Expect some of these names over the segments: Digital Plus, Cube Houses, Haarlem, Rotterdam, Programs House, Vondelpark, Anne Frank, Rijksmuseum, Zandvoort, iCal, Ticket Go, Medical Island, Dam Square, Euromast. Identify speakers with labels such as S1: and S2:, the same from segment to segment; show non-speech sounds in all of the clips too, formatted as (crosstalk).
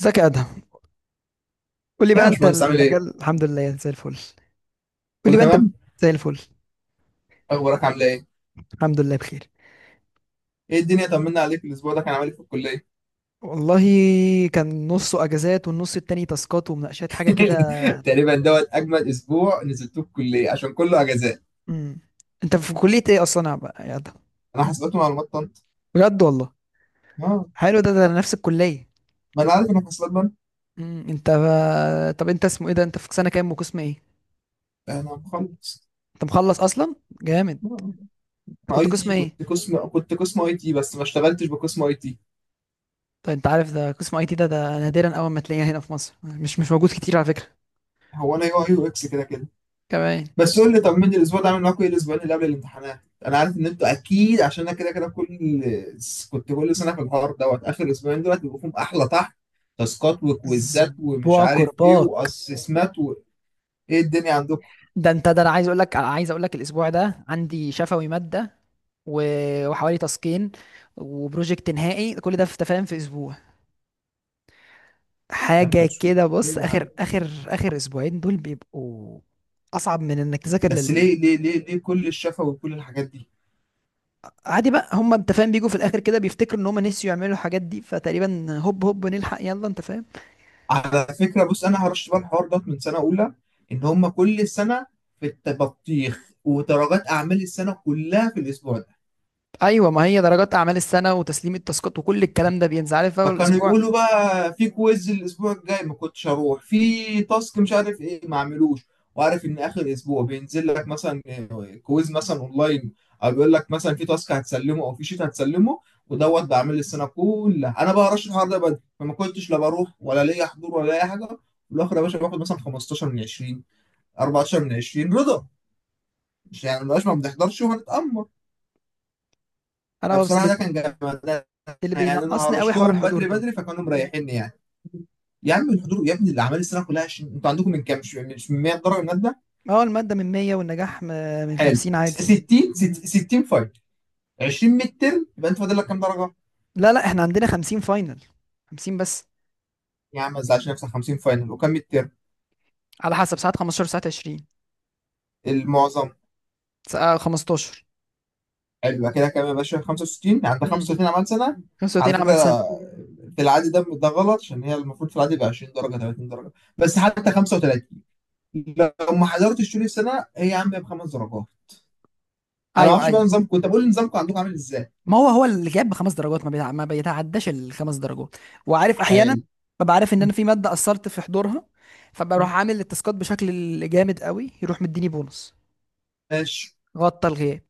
S1: ازيك يا ادهم؟ قول لي
S2: يا
S1: بقى، انت
S2: باشمهندس، عامل ايه؟
S1: المجال الحمد لله، زي الفل. قول لي
S2: كله
S1: بقى انت بت-
S2: تمام؟
S1: زي الفل.
S2: اخبارك عامله ايه؟
S1: الحمد لله بخير.
S2: ايه الدنيا، طمنا عليك. الاسبوع ده كان عامل ايه في الكليه؟
S1: والله كان نصه اجازات والنص التاني تاسكات ومناقشات حاجه كده.
S2: (laughs) تقريبا دوت اجمد اسبوع نزلتوه في الكليه عشان كله اجازات.
S1: امم انت في كليه ايه اصلا، يا ادهم؟
S2: انا حاسبات ومعلومات طنط.
S1: بجد والله.
S2: اه،
S1: حلو، ده نفس الكليه.
S2: ما انا عارف انا في حاسبات بنك.
S1: انت، طب انت اسمه ايه ده؟ انت في سنه كام وقسم ايه؟
S2: انا مخلص.
S1: انت مخلص اصلا؟ جامد.
S2: آه.
S1: انت
S2: انا
S1: كنت
S2: اي
S1: قسم
S2: تي،
S1: ايه؟
S2: كنت قسم اي تي بس ما اشتغلتش بقسم اي تي.
S1: طيب، انت عارف ده قسم اي تي، ده نادرا اول ما تلاقيه هنا في مصر، مش موجود كتير على فكره.
S2: هو انا يو اي يو اكس كده كده.
S1: كمان.
S2: بس قول لي، طمني الاسبوع ده عامل معاكم ايه؟ الاسبوعين اللي قبل الامتحانات انا عارف ان انتوا اكيد، عشان انا كده كده كل، كنت كل سنه في الحوار دوت اخر اسبوعين دول بيبقوا فيهم احلى طحن. تاسكات وكويزات ومش
S1: اسبوع
S2: عارف ايه
S1: كرباك.
S2: واسسمات وايه الدنيا عندكم.
S1: ده انا عايز اقول لك، الاسبوع ده عندي شفوي ماده، وحوالي تاسكين وبروجكت نهائي، كل ده في تفاهم في اسبوع.
S2: يا نهار
S1: حاجه
S2: اسود،
S1: كده. بص،
S2: ليه يا عم؟
S1: اخر اسبوعين دول بيبقوا اصعب من انك تذاكر
S2: بس
S1: لل...
S2: ليه كل الشفا وكل الحاجات دي؟
S1: عادي بقى، هم انت فاهم، بيجوا في الاخر كده بيفتكروا ان هم نسيوا يعملوا الحاجات دي، فتقريبا هوب هوب نلحق، يلا انت فاهم.
S2: على فكره، بص، انا هرش بقى الحوار دوت من سنه اولى ان هم كل سنه في التبطيخ ودرجات اعمال السنه كلها في الاسبوع.
S1: ايوه، ما هي درجات اعمال السنه وتسليم التاسكات وكل الكلام ده بينزل، عارف، اول
S2: فكانوا
S1: الاسبوع.
S2: يقولوا بقى في كويز الاسبوع الجاي، ما كنتش هروح، في تاسك مش عارف ايه ما اعملوش. وعارف ان اخر اسبوع بينزل لك مثلا، آه، كويز مثلا اونلاين، او بيقول لك مثلا في تاسك هتسلمه او في شيت هتسلمه. ودوت بعمل السنه كلها. انا بقى رش الحوار ده بدري، فما كنتش لا بروح ولا ليا حضور ولا اي حاجه. في الاخر يا باشا باخد مثلا 15 من 20، 14 من 20، رضا. مش يعني مبقاش ما بنحضرش وهنتأمر.
S1: انا بس
S2: فبصراحه
S1: اللي
S2: ده كان جامد،
S1: اللي
S2: يعني انا
S1: بينقصني قوي حوار
S2: هرشتهم
S1: الحضور
S2: بدري
S1: ده.
S2: بدري فكانوا مريحيني يعني. يا عم الحضور يا ابني الاعمال السنه كلها 20. انتوا عندكم من كام؟ مش مش من 100 درجه ماده؟
S1: اه، المادة من 100 والنجاح من
S2: حلو،
S1: 50 عادي.
S2: 60، 60 فاينل، 20 ميد ترم، يبقى انت فاضل لك كام درجه؟
S1: لا لا، احنا عندنا 50 فاينل، 50 بس.
S2: يا عم ما تزعلش نفسك، 50 فاينل، وكام ميد ترم؟
S1: على حسب ساعات، 15 ساعات 20،
S2: المعظم.
S1: ساعة 15.
S2: حلو، يبقى كده كام يا باشا؟ 65، عندك
S1: امم
S2: 35 اعمال سنه. على
S1: 35
S2: فكره،
S1: عمل سنة.
S2: في العادي ده غلط عشان هي المفروض في العادي يبقى 20 درجه، 30 درجه، بس حتى 35. لو ما حضرتش طول السنه هي يا عم بخمس درجات. انا ما
S1: ايوه
S2: اعرفش
S1: ايوه.
S2: بقى نظامكم، كنت بقول نظامكم عندكم عامل ازاي.
S1: ما هو، هو اللي جاب بخمس درجات ما بيتعداش الخمس درجات. وعارف، احيانا
S2: حلو.
S1: ببقى عارف ان انا في مادة قصرت في حضورها، فبروح عامل
S2: (laughs)
S1: التاسكات بشكل جامد قوي، يروح مديني بونص.
S2: ماشي.
S1: غطى الغياب.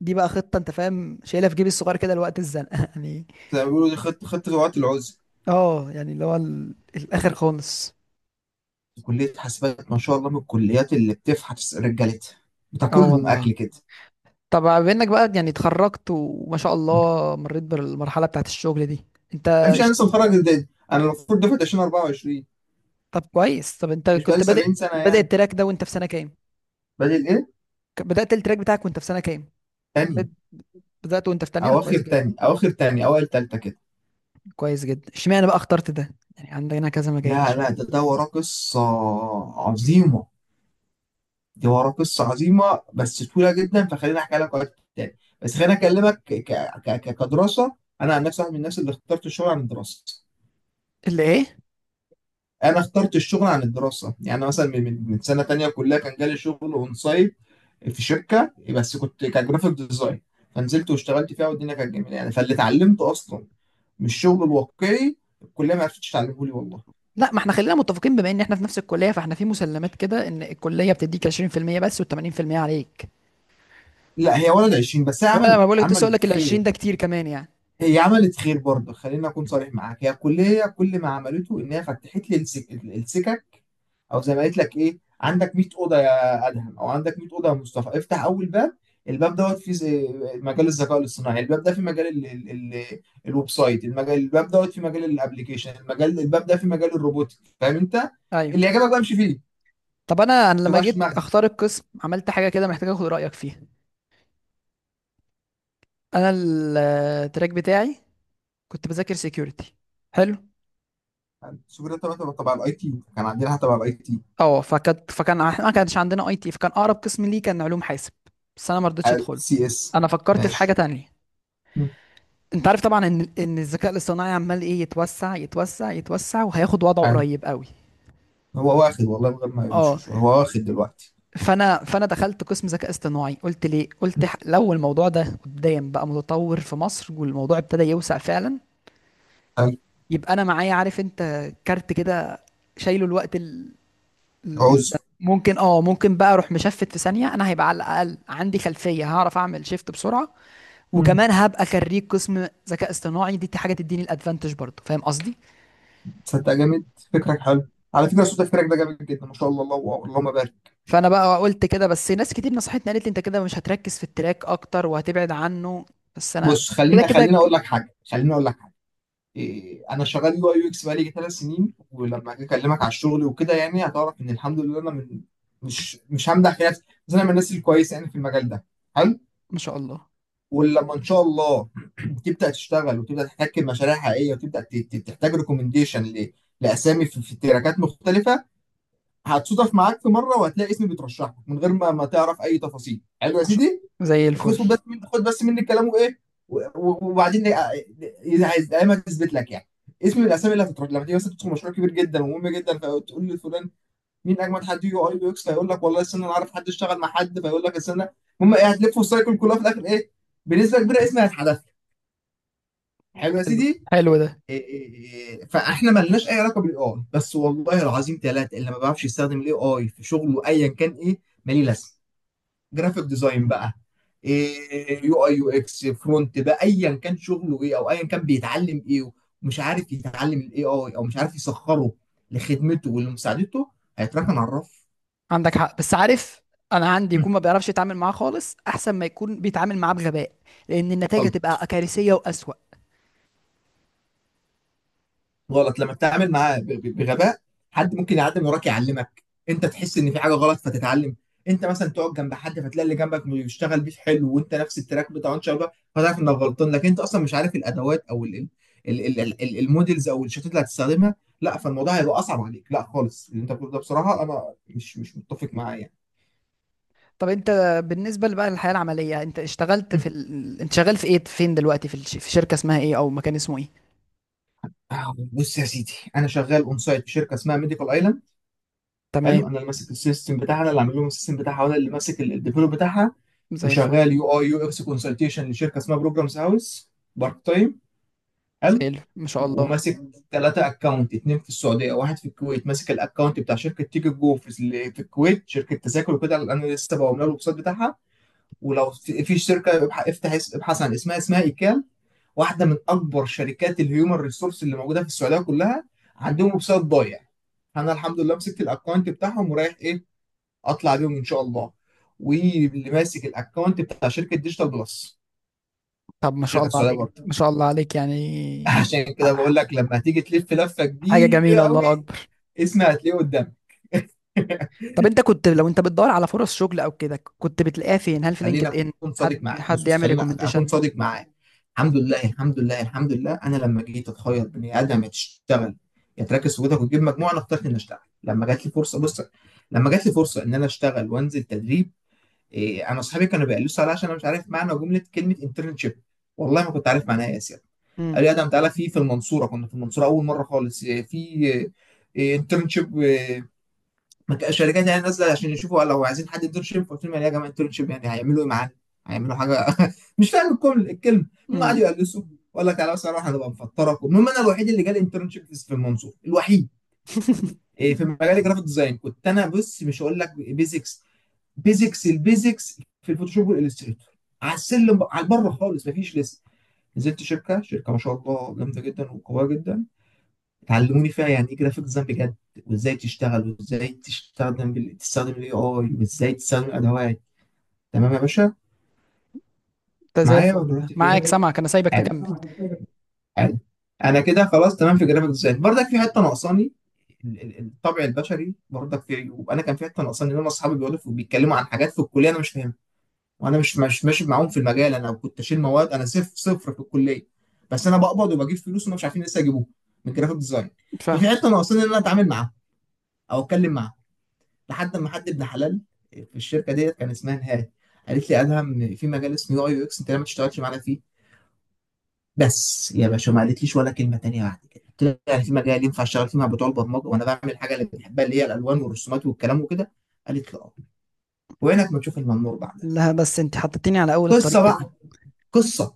S1: دي بقى خطة، انت فاهم، شايلها في جيبي الصغير كده لوقت الزنقة (laughs) يعني.
S2: زي ما بيقولوا، دي خدت روعة العزل.
S1: اه يعني اللي هو الاخر خالص.
S2: كلية حاسبات ما شاء الله من الكليات اللي بتفحت رجالتها،
S1: اه
S2: بتاكلهم
S1: والله.
S2: أكل كده.
S1: طب، بما انك بقى يعني اتخرجت وما شاء
S2: يعني
S1: الله مريت بالمرحله بتاعت الشغل دي، انت
S2: مفيش، أنا
S1: اشت-
S2: لسه متخرج جديد، أنا المفروض دفعة 2024،
S1: طب كويس. طب انت
S2: مش بقالي
S1: كنت بادئ
S2: 70 سنة
S1: بادئ
S2: يعني.
S1: التراك ده وانت في سنه كام؟
S2: بادئ إيه؟
S1: بدات التراك بتاعك وانت في سنه كام؟
S2: تانية.
S1: بد- بدات وانت في تانية؟ طب كويس جدا.
S2: أواخر تاني، أوائل تالتة كده.
S1: كويس جدا اشمعنى بقى اخترت ده؟ يعني عندنا كذا مجال.
S2: لا لا، ده وراه قصة عظيمة، دي وراه قصة عظيمة بس طويلة جدا، فخليني أحكي لك وقت تاني. بس خليني أكلمك كدراسة. أنا عن نفسي واحد من الناس اللي اخترت الشغل عن الدراسة.
S1: اللي ايه؟
S2: انا اخترت الشغل عن الدراسه. يعني مثلا من سنه تانية كلها كان جالي شغل اون سايت في شركه، بس كنت كجرافيك ديزاين، فنزلت واشتغلت فيها والدنيا كانت جميله يعني. فاللي اتعلمته اصلا من الشغل الواقعي الكليه ما عرفتش تعلمه لي والله.
S1: لا، ما احنا خلينا متفقين، بما ان احنا في نفس الكليه، فاحنا في مسلمات كده ان الكليه بتديك 20% بس و80% عليك.
S2: لا هي ولد 20 بس، هي
S1: وانا
S2: عملت
S1: ما بقولك لسه، اقول لك ال 20
S2: خير.
S1: ده كتير كمان يعني.
S2: هي عملت خير برضه، خليني اكون صريح معاك. هي الكليه كل ما عملته ان
S1: مهم.
S2: هي فتحت لي السكك، او زي ما قلت لك، ايه؟ عندك 100 اوضه يا ادهم، او عندك 100 اوضه يا مصطفى، افتح اول باب. الباب دوت فيه مجال الذكاء الاصطناعي. الباب ده في مجال ال ال ال الويب سايت. المجال الباب دوت في مجال الابليكيشن. المجال الباب ده في مجال الروبوتك. فاهم انت؟
S1: ايوه.
S2: اللي يعجبك بقى امشي فيه، ما
S1: طب انا لما
S2: توجعش
S1: جيت
S2: دماغك.
S1: اختار القسم عملت حاجه كده محتاج اخد رايك فيها. انا التراك بتاعي كنت بذاكر سيكيورتي. حلو.
S2: السوبر ده تبع الاي تي، كان عندنا حاجه تبع الاي تي.
S1: اه، فكان احنا ما كانش عندنا اي تي، فكان اقرب قسم ليه كان علوم حاسب، بس انا ما رضيتش ادخله.
S2: سي اس.
S1: انا فكرت في
S2: ماشي.
S1: حاجه تانية.
S2: مم.
S1: انت عارف طبعا ان الذكاء الاصطناعي عمال ايه يتوسع يتوسع يتوسع وهياخد وضعه
S2: حلو.
S1: قريب قوي.
S2: هو واخد والله من غير ما
S1: اه.
S2: يمشي، هو واخد دلوقتي.
S1: فانا دخلت قسم ذكاء اصطناعي. قلت ليه؟ قلت
S2: مم.
S1: لو الموضوع ده قدام بقى متطور في مصر والموضوع ابتدى يوسع فعلا،
S2: حلو.
S1: يبقى انا معايا، عارف انت، كارت كده، شايله الوقت،
S2: عذر.
S1: الزمن. ممكن، ممكن بقى اروح مشفت في ثانيه، انا هيبقى على الاقل عندي خلفيه، هعرف اعمل شيفت بسرعه. وكمان هبقى خريج قسم ذكاء اصطناعي، دي حاجه تديني الادفانتج برضه، فاهم قصدي.
S2: تصدق جامد؟ فكرك حلو. على فكره صوت فكرك ده جامد جدا، ما شاء الله، الله اللهم بارك.
S1: فانا بقى قلت كده، بس ناس كتير نصحتني قالت لي انت كده مش هتركز في التراك اكتر وهتبعد عنه. بس انا
S2: بص،
S1: كده
S2: خليني
S1: كده.
S2: اقول لك حاجه، إيه، انا شغال يو اي يو اكس بقالي ثلاث سنين. ولما اجي اكلمك على الشغل وكده يعني، هتعرف ان الحمد لله انا من، مش همدح في نفسي بس انا من الناس الكويسه يعني في المجال ده. حلو.
S1: ما شاء الله.
S2: ولما ان شاء الله (clears throat) تبدا تشتغل وتبدا تحتك بمشاريع حقيقيه وتبدا تحتاج ريكومنديشن لاسامي في في تراكات مختلفه، هتصادف معاك في مره وهتلاقي اسمي بيترشح لك من غير ما تعرف اي تفاصيل. حلو يا
S1: ما شاء
S2: سيدي.
S1: الله، زي الفل.
S2: خد بس مني كلامه ايه وبعدين إيه، اذا عايز دايما تثبت لك يعني اسم من الاسامي اللي هتترد لما تيجي مثلا تدخل مشروع كبير جدا ومهم جدا، فتقول لفلان مين اجمد حد يو اي يو اكس، فيقول لك والله استنى انا عارف حد اشتغل مع حد، فيقول لك استنى. المهم ايه، هتلف السايكل كلها في الاخر ايه، بنسبه كبيره اسمي هيتحذف. حلو يا
S1: حلو.
S2: سيدي.
S1: حلو ده.
S2: إيه، إيه، إيه، فاحنا ملناش اي علاقه بالاي اي، بس والله العظيم ثلاثه اللي ما بيعرفش يستخدم الاي اي في شغله ايا كان ايه، مالي لازمه. جرافيك ديزاين بقى، إيه، يو اي يو اكس، فرونت بقى، ايا كان شغله ايه، او ايا كان بيتعلم ايه، ومش عارف يتعلم الاي اي، او مش عارف يسخره لخدمته ولمساعدته، هيتركن على الرف.
S1: عندك حق، بس عارف، انا عندي يكون ما بيعرفش يتعامل معاه خالص احسن ما يكون بيتعامل معاه بغباء، لان النتائج
S2: (laughs)
S1: هتبقى كارثيه واسوأ.
S2: غلط لما بتتعامل معاه بغباء. حد ممكن يعدي من وراك يعلمك، انت تحس ان في حاجه غلط فتتعلم. انت مثلا تقعد جنب حد، فتلاقي اللي جنبك بيشتغل بيه حلو، وانت نفس التراك بتاعه ان شاء الله، فتعرف انك غلطان. لكن انت اصلا مش عارف الادوات او المودلز او الشتات اللي هتستخدمها، لا، فالموضوع هيبقى اصعب عليك. لا خالص، اللي انت بتقوله ده بصراحه انا مش متفق معاه يعني.
S1: طب انت، بالنسبه بقى للحياه العمليه، انت اشتغلت
S2: مم.
S1: في انت شغال في ايه، فين دلوقتي، في شركه اسمها ايه او مكان اسمه ايه؟
S2: آه، بص يا سيدي، انا شغال اون سايت في شركه اسمها ميديكال ايلاند.
S1: تمام.
S2: حلو. انا اللي ماسك السيستم بتاعها، انا اللي عامل لهم السيستم بتاعها، وانا اللي ماسك الديفلوب بتاعها.
S1: زي الفل.
S2: وشغال يو اي يو اكس كونسلتيشن لشركه اسمها بروجرامز هاوس، بارت تايم. حلو.
S1: زي الفل ما شاء الله.
S2: وماسك ثلاثة اكونت، اتنين في السعودية واحد في الكويت. ماسك الاكونت بتاع شركة تيكت جو اللي في الكويت، شركة تذاكر وكده، اللي انا لسه بعمل لها الويب سايت بتاعها. ولو في في شركة ابحث عن اسمها، اسمها ايكال، واحدة من اكبر شركات الهيومن ريسورس اللي موجودة في السعودية كلها، عندهم ويب سايت ضايع. انا الحمد لله مسكت الاكونت بتاعهم، ورايح ايه، اطلع بيهم ان شاء الله. واللي ماسك الاكونت بتاع شركة ديجيتال بلس،
S1: طب ما شاء
S2: شركه
S1: الله
S2: سعوديه
S1: عليك،
S2: برضه.
S1: ما شاء الله عليك
S2: (laughs)
S1: يعني.
S2: عشان كده بقول
S1: ح-
S2: لك، لما تيجي تلف لفه
S1: حاجه
S2: كبيره
S1: جميله،
S2: قوي،
S1: الله اكبر.
S2: اسمي هتلاقيه قدامك. (laughs)
S1: طب انت كنت، لو انت بتدور على فرص شغل او كده، كنت بتلاقيها فين؟ هل في لينكد ان؟ حد حد يعمل
S2: خليني اكون
S1: ريكومنديشن؟
S2: صادق معاك. الحمد لله الحمد لله الحمد لله. انا لما جيت اتخير بني ادم، يا تشتغل يا تركز في جهدك وتجيب مجموعه، انا اخترت اني اشتغل لما جات لي فرصه. بص، لما جات لي فرصه ان انا اشتغل وانزل تدريب، إيه، انا اصحابي كانوا بيقلصوا عليا عشان انا مش عارف معنى جمله كلمه انترنشيب. والله ما كنت عارف معناها إيه يا اسيا. قال لي
S1: امم
S2: ادم تعالى في المنصوره، كنا في المنصوره اول مره خالص، إيه، في انترنشيب الشركات يعني نازله عشان يشوفوا لو عايزين حد انترنشيب. قلت لهم يعني إيه يا جماعه انترنشيب؟ يعني هيعملوا ايه معانا؟ هيعملوا حاجه؟ (laughs) مش فاهم الكلمه. المهم قعدوا
S1: امم
S2: يقلصوا، وقال لك تعالى بس اروح هنبقى مفطرك. المهم انا الوحيد اللي جالي انترنشيب في المنصوره، الوحيد.
S1: (laughs)
S2: إيه، في مجال الجرافيك ديزاين، كنت انا، بص مش هقول لك بيزكس، البيزكس في الفوتوشوب والإليستريتور، على السلم على البره خالص، مفيش لسه. نزلت شركه ما شاء الله جامده جدا وقويه جدا، علموني فيها يعني ايه جرافيك ديزاين بجد، وازاي تشتغل، وازاي تستخدم تستخدم الاي اي، وازاي تستخدم الادوات. تمام يا باشا؟
S1: ده زي
S2: معايا،
S1: الفل.
S2: ولا
S1: ده
S2: دلوقتي في
S1: معاك
S2: ايه؟
S1: سامعك، انا سايبك
S2: حلو.
S1: تكمل.
S2: حلو. انا كده خلاص تمام في جرافيك ديزاين، برضك في حته ناقصاني. الطبع البشري برضك في عيوب. انا كان في حته ناقصاني ان انا اصحابي بيقولوا بيتكلموا عن حاجات في الكليه انا مش فاهمها، وانا مش ماشي معاهم في المجال. انا كنت اشيل مواد، انا صفر صفر في الكليه، بس انا بقبض وبجيب فلوس، وما مش عارفين لسه يجيبوها، من جرافيك ديزاين.
S1: فاهم.
S2: ففي حته ناقصاني ان انا اتعامل معاها او اتكلم معاها، لحد ما حد ابن حلال في الشركه ديت كان اسمها نهاد قالت لي: ادهم في مجال اسمه يو اي يو اكس، انت ليه ما تشتغلش معانا فيه؟ بس يا باشا ما قالتليش ولا كلمه تانيه بعد كده. قلت لها يعني في مجال ينفع اشتغل فيه مع بتوع البرمجه، وانا بعمل الحاجه اللي بنحبها اللي هي الالوان والرسومات والكلام وكده؟ قالت لي اه. وعينك ما تشوف المنور بعدها.
S1: لا، بس انت حطيتني على اول
S2: قصه
S1: الطريق كده.
S2: بقى، قصه،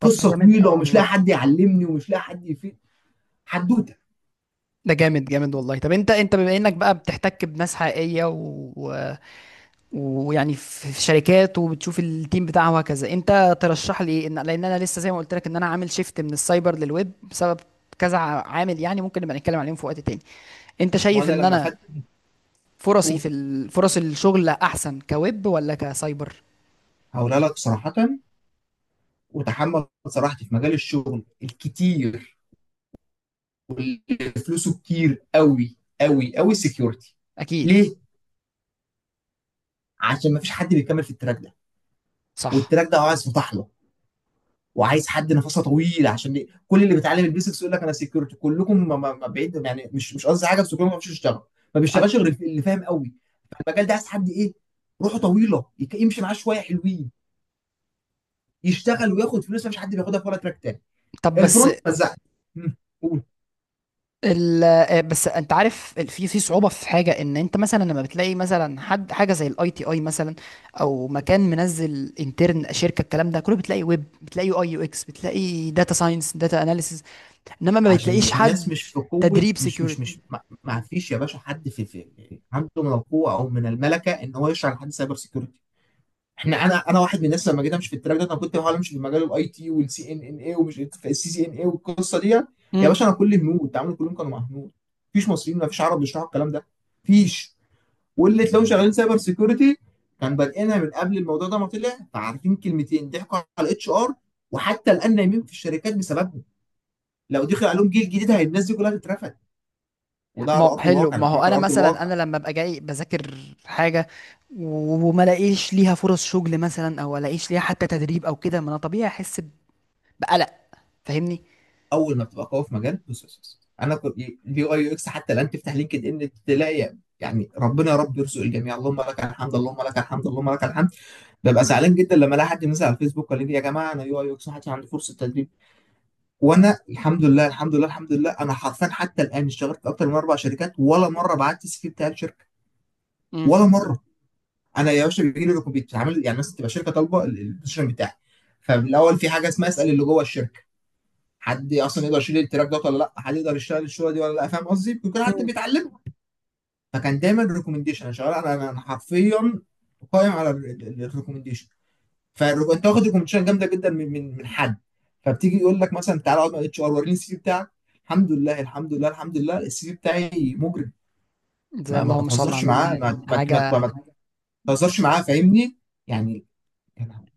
S1: طب ده
S2: قصه
S1: جامد،
S2: طويله،
S1: اه
S2: ومش لاقي
S1: والله.
S2: حد يعلمني، ومش لاقي حد يفيد. حدوته.
S1: ده جامد جامد والله. طب انت، بما انك بقى بتحتك بناس حقيقية، ويعني في شركات وبتشوف التيم بتاعها وهكذا، انت ترشح لي ايه؟ لان انا لسه زي ما قلت لك، ان انا عامل شيفت من السايبر للويب بسبب كذا، عامل يعني. ممكن نبقى نتكلم عليهم في وقت تاني. انت
S2: ما
S1: شايف
S2: انا
S1: ان
S2: لما
S1: انا
S2: خدت،
S1: فرصي
S2: قول.
S1: في فرص الشغل احسن كويب ولا كسايبر؟
S2: هقولها لك صراحه، وتحمل صراحتي. في مجال الشغل الكتير، واللي فلوسه كتير قوي قوي قوي، السكيورتي.
S1: اكيد.
S2: ليه؟ عشان ما فيش حد بيكمل في التراك ده.
S1: صح.
S2: والتراك ده عايز فتح له، وعايز حد نفسه طويل، عشان كل اللي بيتعلم البيزكس يقول لك انا سكيورتي. كلكم ما بعيد، يعني مش مش قصدي حاجه، بس كلكم ما بيعرفش يشتغل، ما
S1: عن-
S2: بيشتغلش غير اللي فاهم قوي. فالمجال ده عايز حد ايه؟ روحه طويله، يمشي معاه شويه حلوين، يشتغل وياخد فلوس. مفيش حد بياخدها في ولا تراك تاني.
S1: طب، بس
S2: الفرونت مزعت. قول.
S1: بس انت عارف في صعوبه في حاجه، ان انت مثلا لما بتلاقي مثلا حد حاجه زي الاي تي اي مثلا، او مكان منزل انترن شركه، الكلام ده كله بتلاقي ويب، بتلاقي يو اي يو اكس، بتلاقي داتا ساينس، داتا اناليسيز، انما ما
S2: عشان
S1: بتلاقيش
S2: الناس
S1: حد
S2: مش في قوة،
S1: تدريب
S2: مش مش
S1: سيكيورتي.
S2: مش ما ما فيش يا باشا حد في عنده من القوة أو من الملكة إن هو يشرح لحد سايبر سيكيورتي. احنا، انا واحد من الناس، لما جيت امشي في التراك ده، انا كنت بحاول امشي في مجال الاي تي والسي ان ان اي، ومش السي سي ان اي والقصه دي. يا
S1: امم
S2: باشا انا كل هنود تعاملي كلهم كانوا مع هنود، مفيش مصريين، مفيش عرب بيشرحوا الكلام ده، مفيش. واللي تلاقوهم شغالين سايبر سيكيورتي كان بادئينها من قبل الموضوع ده ما طلع، فعارفين كلمتين ضحكوا على الاتش ار، وحتى الان نايمين في الشركات بسببهم. لو دخل عليهم جيل جديد، هي الناس دي كلها تترفد. وده
S1: ما
S2: على
S1: هو
S2: ارض
S1: حلو.
S2: الواقع، انا
S1: ما هو
S2: بكلمك
S1: انا
S2: على ارض
S1: مثلا
S2: الواقع.
S1: انا لما ابقى جاي بذاكر حاجه، وما الاقيش ليها فرص شغل مثلا، او الاقيش ليها حتى تدريب او كده، ما انا طبيعي احس بقلق، فاهمني.
S2: اول ما بتبقى قوي في مجال، بص بص بص. انا كنت اليو اي يو اكس، حتى الان تفتح لينكد ان تلاقي يعني، ربنا يا رب يرزق الجميع، اللهم لك الحمد اللهم لك الحمد اللهم لك الحمد. ببقى زعلان جدا لما الاقي حد مثلا على الفيسبوك قال لي يا جماعه انا يو اي يو اكس محدش عنده فرصه تدريب، وانا الحمد لله الحمد لله الحمد لله، انا حرفيا حتى الان اشتغلت في اكتر من اربع شركات، ولا مره بعت السي في بتاع الشركه،
S1: امم
S2: ولا مره. انا يا باشا بيجي لي بيتعمل، يعني مثلا تبقى شركه طالبه البوزيشن بتاعي، فالاول في حاجه اسمها اسال اللي جوه الشركه حد اصلا يقدر يشيل التراك ده ولا لا، حد يقدر يشتغل الشغله دي ولا لا. فاهم قصدي؟ بيكون حد بيتعلمه، فكان دايما ريكومنديشن. انا شغال، انا حرفيا قائم على الريكومنديشن. انت واخد ريكومنديشن جامده جدا من حد، فبتيجي يقول لك مثلا تعالى اقعد مع الاتش ار وريني السي في بتاعك. الحمد لله الحمد لله الحمد لله، السي في بتاعي مجرم.
S1: زي
S2: ما ما
S1: اللهم صل على
S2: تهزرش
S1: النبي
S2: معاه ما
S1: يعني
S2: ما ما,
S1: حاجه.
S2: ما تهزرش معاه، فاهمني يعني، يعني.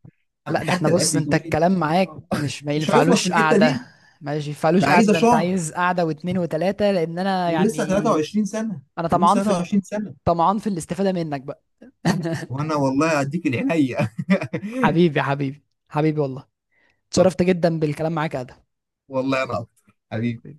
S1: لا، ده احنا،
S2: حتى الان
S1: بص، انت
S2: بيجيبوا لي،
S1: الكلام معاك مش ما
S2: مش هيخلص في
S1: ينفعلوش
S2: الحته
S1: قعدة.
S2: دي.
S1: ما
S2: ده
S1: ينفعلوش قعدة،
S2: عايزه
S1: ده انت
S2: شهر.
S1: عايز قعدة واتنين وتلاتة، لان انا
S2: ولسه
S1: يعني
S2: 23 سنه
S1: انا
S2: ولسه 23 سنه.
S1: طمعان في الاستفادة منك بقى. (laughs)
S2: وانا والله اديك العينيا (laughs)
S1: حبيبي حبيبي. حبيبي والله.
S2: طب،
S1: اتشرفت جدا بالكلام معاك يا ادهم.
S2: والله انا اكتر حبيبي.